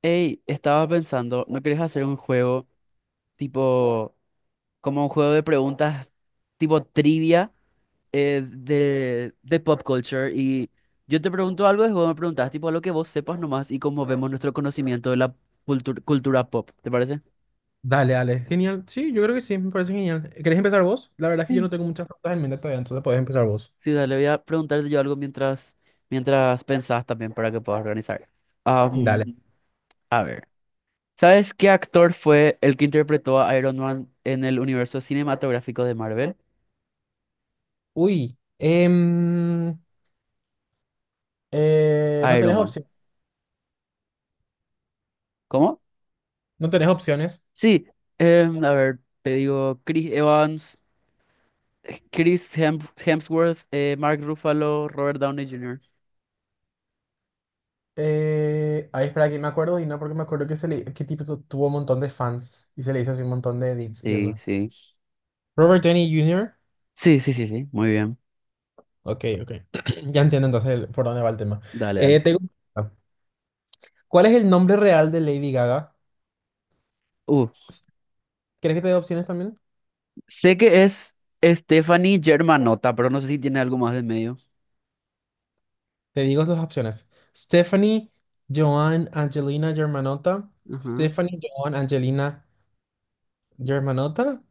Hey, estaba pensando, ¿no querés hacer un juego tipo, como un juego de preguntas tipo trivia, de pop culture? Y yo te pregunto algo y vos me preguntás tipo lo que vos sepas nomás y cómo vemos nuestro conocimiento de la cultura pop, ¿te parece? Dale, dale. Genial. Sí, yo creo que sí, me parece genial. ¿Querés empezar vos? La verdad es que yo no Sí. tengo muchas preguntas en mente todavía, entonces podés empezar vos. Sí, dale, voy a preguntarte yo algo mientras pensás también para que puedas organizar. Dale. Am, a ver, ¿sabes qué actor fue el que interpretó a Iron Man en el universo cinematográfico de Marvel? Uy, em, no Iron tenés Man. opción. ¿Cómo? No tenés opciones. Sí, a ver, te digo, Chris Evans, Chris Hem- Hemsworth, Mark Ruffalo, Robert Downey Jr. Ahí espera que me acuerdo y no porque me acuerdo que, se le, que tipo tuvo un montón de fans y se le hizo así un montón de edits y Sí, eso. sí. Robert Downey Jr. Sí, sí, sí, sí, muy bien. Ok, ok. Ya entiendo entonces por dónde va el tema. Dale, Eh, dale. tengo- ¿Cuál es el nombre real de Lady Gaga? Uh, ¿Crees que te dé opciones también? sé que es Stephanie Germanotta, pero no sé si tiene algo más de medio. Te digo las opciones. Stephanie, Joan, Angelina, Germanota. Ajá. Stephanie, Joan, Angelina, Germanota.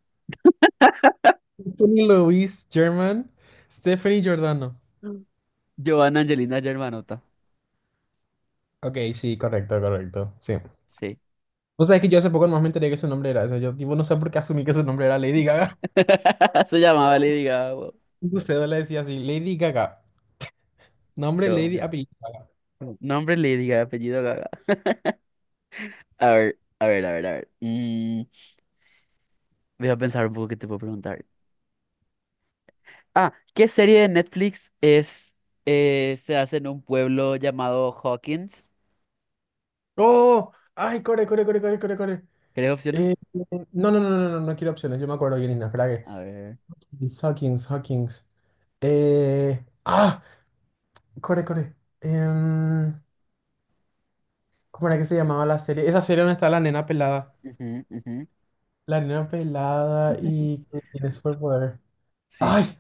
Stephanie Luis, German. Stephanie Giordano. Giovanna Angelina Germanotta. Ok, sí, correcto, correcto. Sí. Sí. Vos sabés que yo hace poco nomás me enteré que su nombre era ese. Yo, tipo, no sé por qué asumí que su nombre era Lady Gaga. Se llamaba Lady Gaga. Wow. Usted le decía así, Lady Gaga. Nombre Lady Giovanna. apellido Gaga. Nombre Lady Gaga, apellido Gaga. A ver, a ver, a ver, a ver. Voy a pensar un poco qué te puedo preguntar. Ah, ¿qué serie de Netflix es, se hace en un pueblo llamado Hawkins? ¡Oh! ¡Ay, corre, corre, corre, corre, corre, corre! ¿Querés Eh, opciones? no, no, no, no, no, no quiero opciones. Yo me acuerdo bien, Ina. A ver. Sackings, Hackings. Eh, ah, core, core. Em, ¿Cómo era que se llamaba la serie? Esa serie donde está la nena pelada. Ujú, ujú. La nena pelada y que tiene superpoder. Sí, ¡Ay! sí.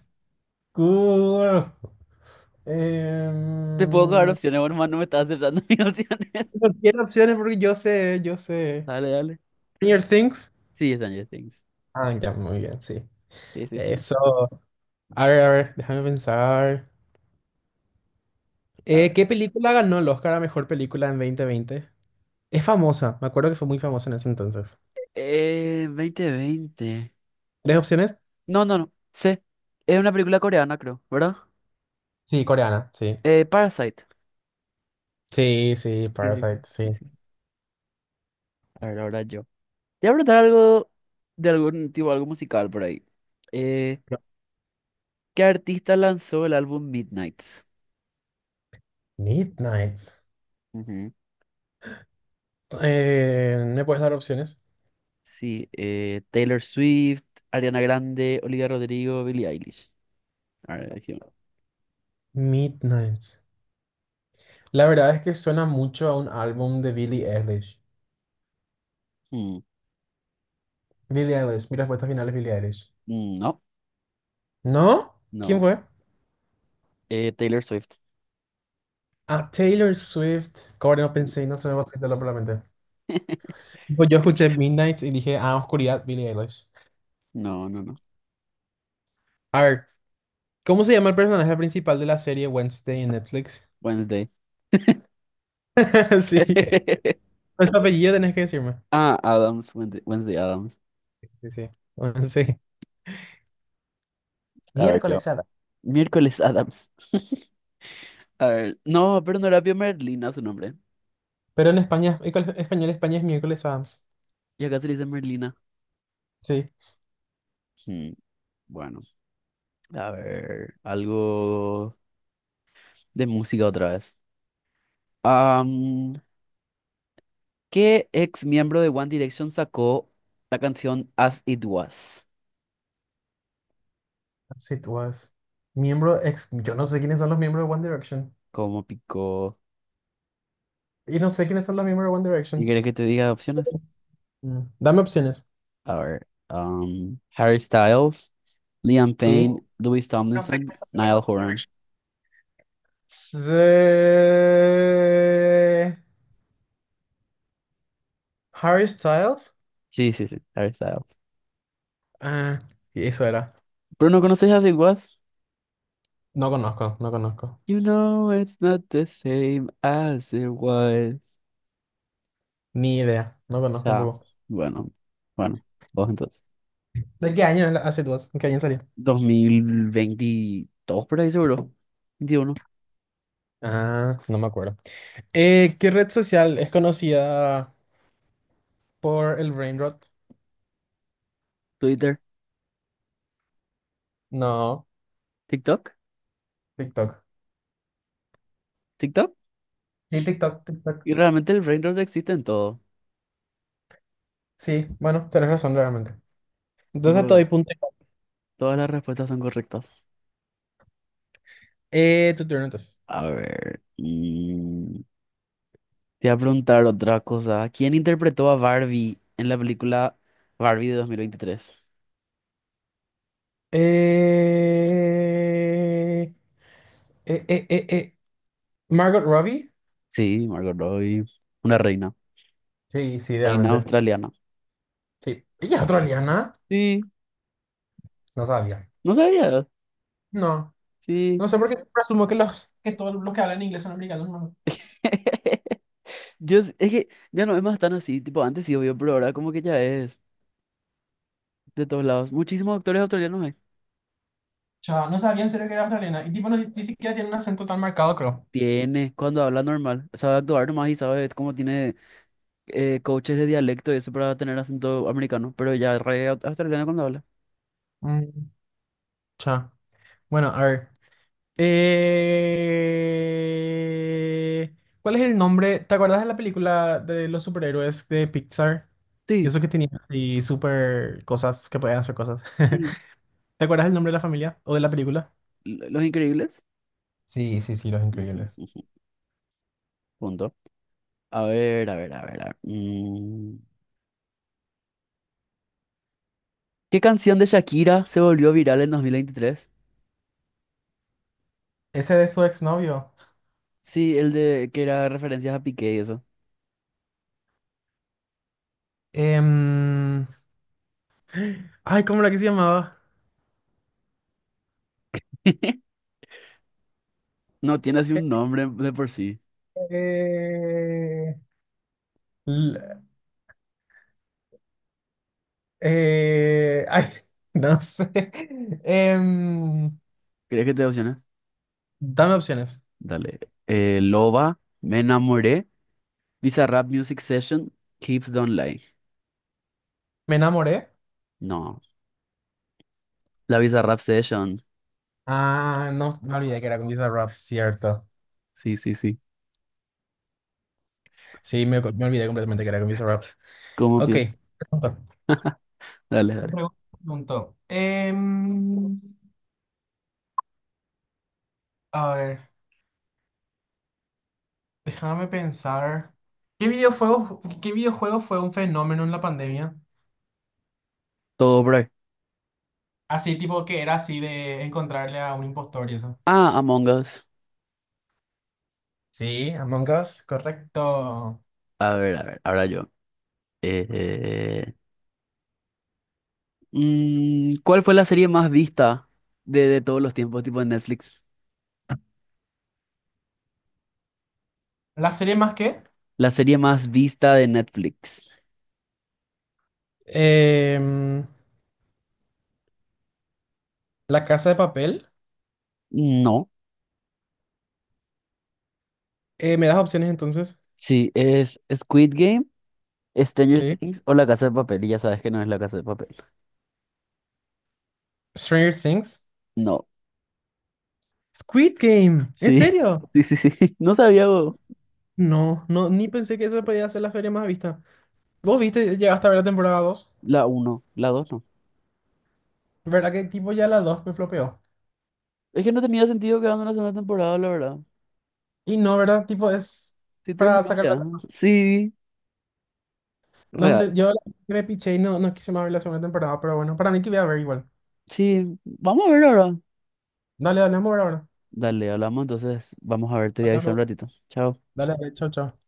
¡Cool! Te puedo dar Em, opciones, bueno, hermano, no me estás aceptando mis opciones. no quiero opciones porque yo sé, yo sé. Dale, dale. Stranger Things. Sí, Stranger Things. Ah, ya, muy bien, sí. Sí, sí, sí. Eso. A ver, déjame pensar. A ver. ¿Qué película ganó el Oscar a mejor película en 2020? Es famosa, me acuerdo que fue muy famosa en ese entonces. 2020. ¿Tres opciones? No, no, no. Sí. Es una película coreana, creo, ¿verdad? Sí, coreana, sí. Parasite. Sí, sí, Sí, sí, sí, Parasite, sí, sí. sí. A ver, ahora yo. Te voy a preguntar algo de algún tipo, algo musical por ahí. Eh, No. ¿Qué artista lanzó el álbum Midnights? Midnights. Ujú. ¿Me puedes dar opciones? Sí, Taylor Swift, Ariana Grande, Olivia Rodrigo, Billie Eilish. A ver, aquí va. Midnights. La verdad es que suena mucho a un álbum de Billie Eilish. Mm. Billie Eilish, mi respuesta final es Billie Eilish. Mm. No. ¿No? ¿Quién No. fue? Taylor Swift. A Taylor Swift. Corre, no pensé no se me va a salirlo por la mente. Pues yo escuché Midnights y dije, ah, oscuridad, Billie Eilish. No, no, no. A ver, ¿cómo se llama el personaje principal de la serie Wednesday en Netflix? Wednesday. Sí. Pues su apellido tenés que decirme. Ah, Adams. Wednesday, Wednesday Adams. Sí, sí. Sí. A ver, yo. Miércoles Adams. Miércoles Adams. A ver. No, pero no era Pio Merlina su nombre. Pero en España, en español, España es miércoles Adams. Y acá se le dice Merlina. Sí. Hmm, Bueno, a ver. Algo de música otra vez. ¿Qué ex miembro de One Direction sacó la canción As It Was? Sí, tú vas. Miembro ex. Yo no sé quiénes son los miembros de One Direction. ¿Cómo picó? Y no sé quiénes son los miembros de One ¿Y Direction. querés que te diga opciones? Mm. Dame opciones. A ver, Harry Styles, Liam Sí. Payne, Louis No sé Tomlinson, quiénes son los miembros Niall de One Horan. Direction. Se- Harry Styles. Sí, sí, sí, Harry Styles. Ah, y eso era. ¿Pero no conoces As It Was? No conozco, no conozco. You know it's not the same as it was. Ni idea. No conozco un Ya, poco. bueno, bueno, vos entonces. ¿De qué año es la As It Was? ¿En qué año salió? 2022 por ahí seguro. 21. Ah, no me acuerdo. ¿Qué red social es conocida por el brain rot? Twitter. No, TikTok. TikTok. TikTok. Sí, TikTok, TikTok. Y realmente el brain rot existe en todo. Sí, bueno, tenés razón realmente. Entonces te doy Tipo, punto. todas las respuestas son correctas. Tu turno entonces. A ver, y te voy a preguntar otra cosa. ¿Quién interpretó a Barbie en la película Barbie de 2023? Eh, eh, eh, eh, eh. Margot Robbie. Sí, Margot Robbie. Una reina. Sí, sí, Reina realmente. australiana. Sí. ¿Ella es australiana? Sí, No sabía. no sabía. No. Sí. No sé por qué siempre asumo que los que todos los que hablan inglés son americanos. No, Yo, es que ya no es más tan así. Tipo, antes sí, obvio, pero ahora como que ya es de todos lados. Muchísimos actores australianos hay. chao, no sabía en serio que era australiana. Y tipo, no, ni siquiera tiene un acento tan marcado, creo. Tiene, cuando habla normal, sabe actuar nomás y sabe cómo tiene coaches de dialecto y eso para tener acento americano, pero ya re australiano cuando habla. Mm, chao. Bueno, a ver. Eh, ¿Cuál es el nombre? ¿Te acuerdas de la película de los superhéroes de Pixar? Y Sí, eso que tenían así super cosas, que podían hacer cosas. sí, ¿Te acuerdas el nombre de la familia o de la película? Los Increíbles. Sí, sí, sí, Los Ujú, Increíbles. ujú. Punto. A ver, a ver, a ver. A ver, ¿Qué canción de Shakira se volvió viral en 2023? Ese de su exnovio. Sí, el de que era referencias a Piqué y eso. Em, Ay, ¿cómo era que se llamaba? No tiene así un nombre de por sí. Eh, l- Ay, no sé. Em, ¿Crees que te opciones? Dame opciones. Dale. Loba, Me enamoré, Bizarrap Music Session, Keeps Don't Lie. Me enamoré. No, la Bizarrap Session. Ah, no, me olvidé que era con Visa Rap, cierto. Sí, sí, sí. Sí, me olvidé completamente que era con Visa Rap. ¿Cómo, Ok. pío? Pregunta. Dale, Me dale. pregun- Preguntó. A ver, déjame pensar. ¿Qué videojuego fue un fenómeno en la pandemia? Todo por ahí. Así tipo que era así de encontrarle a un impostor y eso. Ah, Among Us. Sí, Among Us. Correcto. A ver, ahora yo. Eh, ¿Cuál fue la serie más vista de todos los tiempos, tipo de Netflix? ¿La serie más que? La serie más vista de Netflix. Em, La Casa de Papel. No. ¿Me das opciones entonces? Sí, es Squid Game, Stranger Sí. Things o La Casa de Papel. Y ya sabes que no es La Casa de Papel. Stranger Things. No. Squid Game, ¿en Sí, serio? sí, sí, sí. No sabía vos. No, no, ni pensé que eso podía ser la feria más vista. ¿Vos viste, llegaste a ver la temporada 2? La uno la 2 no. ¿Verdad que tipo ya la 2 me flopeó? Es que no tenía sentido quedando en la segunda temporada, la verdad. Y no, ¿verdad? Tipo es Sí, para terminó sacar ya. plata. Sí, No real. ente- yo la- Me piché y no, no quise más ver la segunda temporada, pero bueno, para mí que voy a ver igual. Sí, vamos a ver ahora. Dale, dale, vamos a ver ahora. Dale, hablamos, entonces vamos a verte y avisar Hablamos. un ratito. Chao. Dale, dale, chao, chao.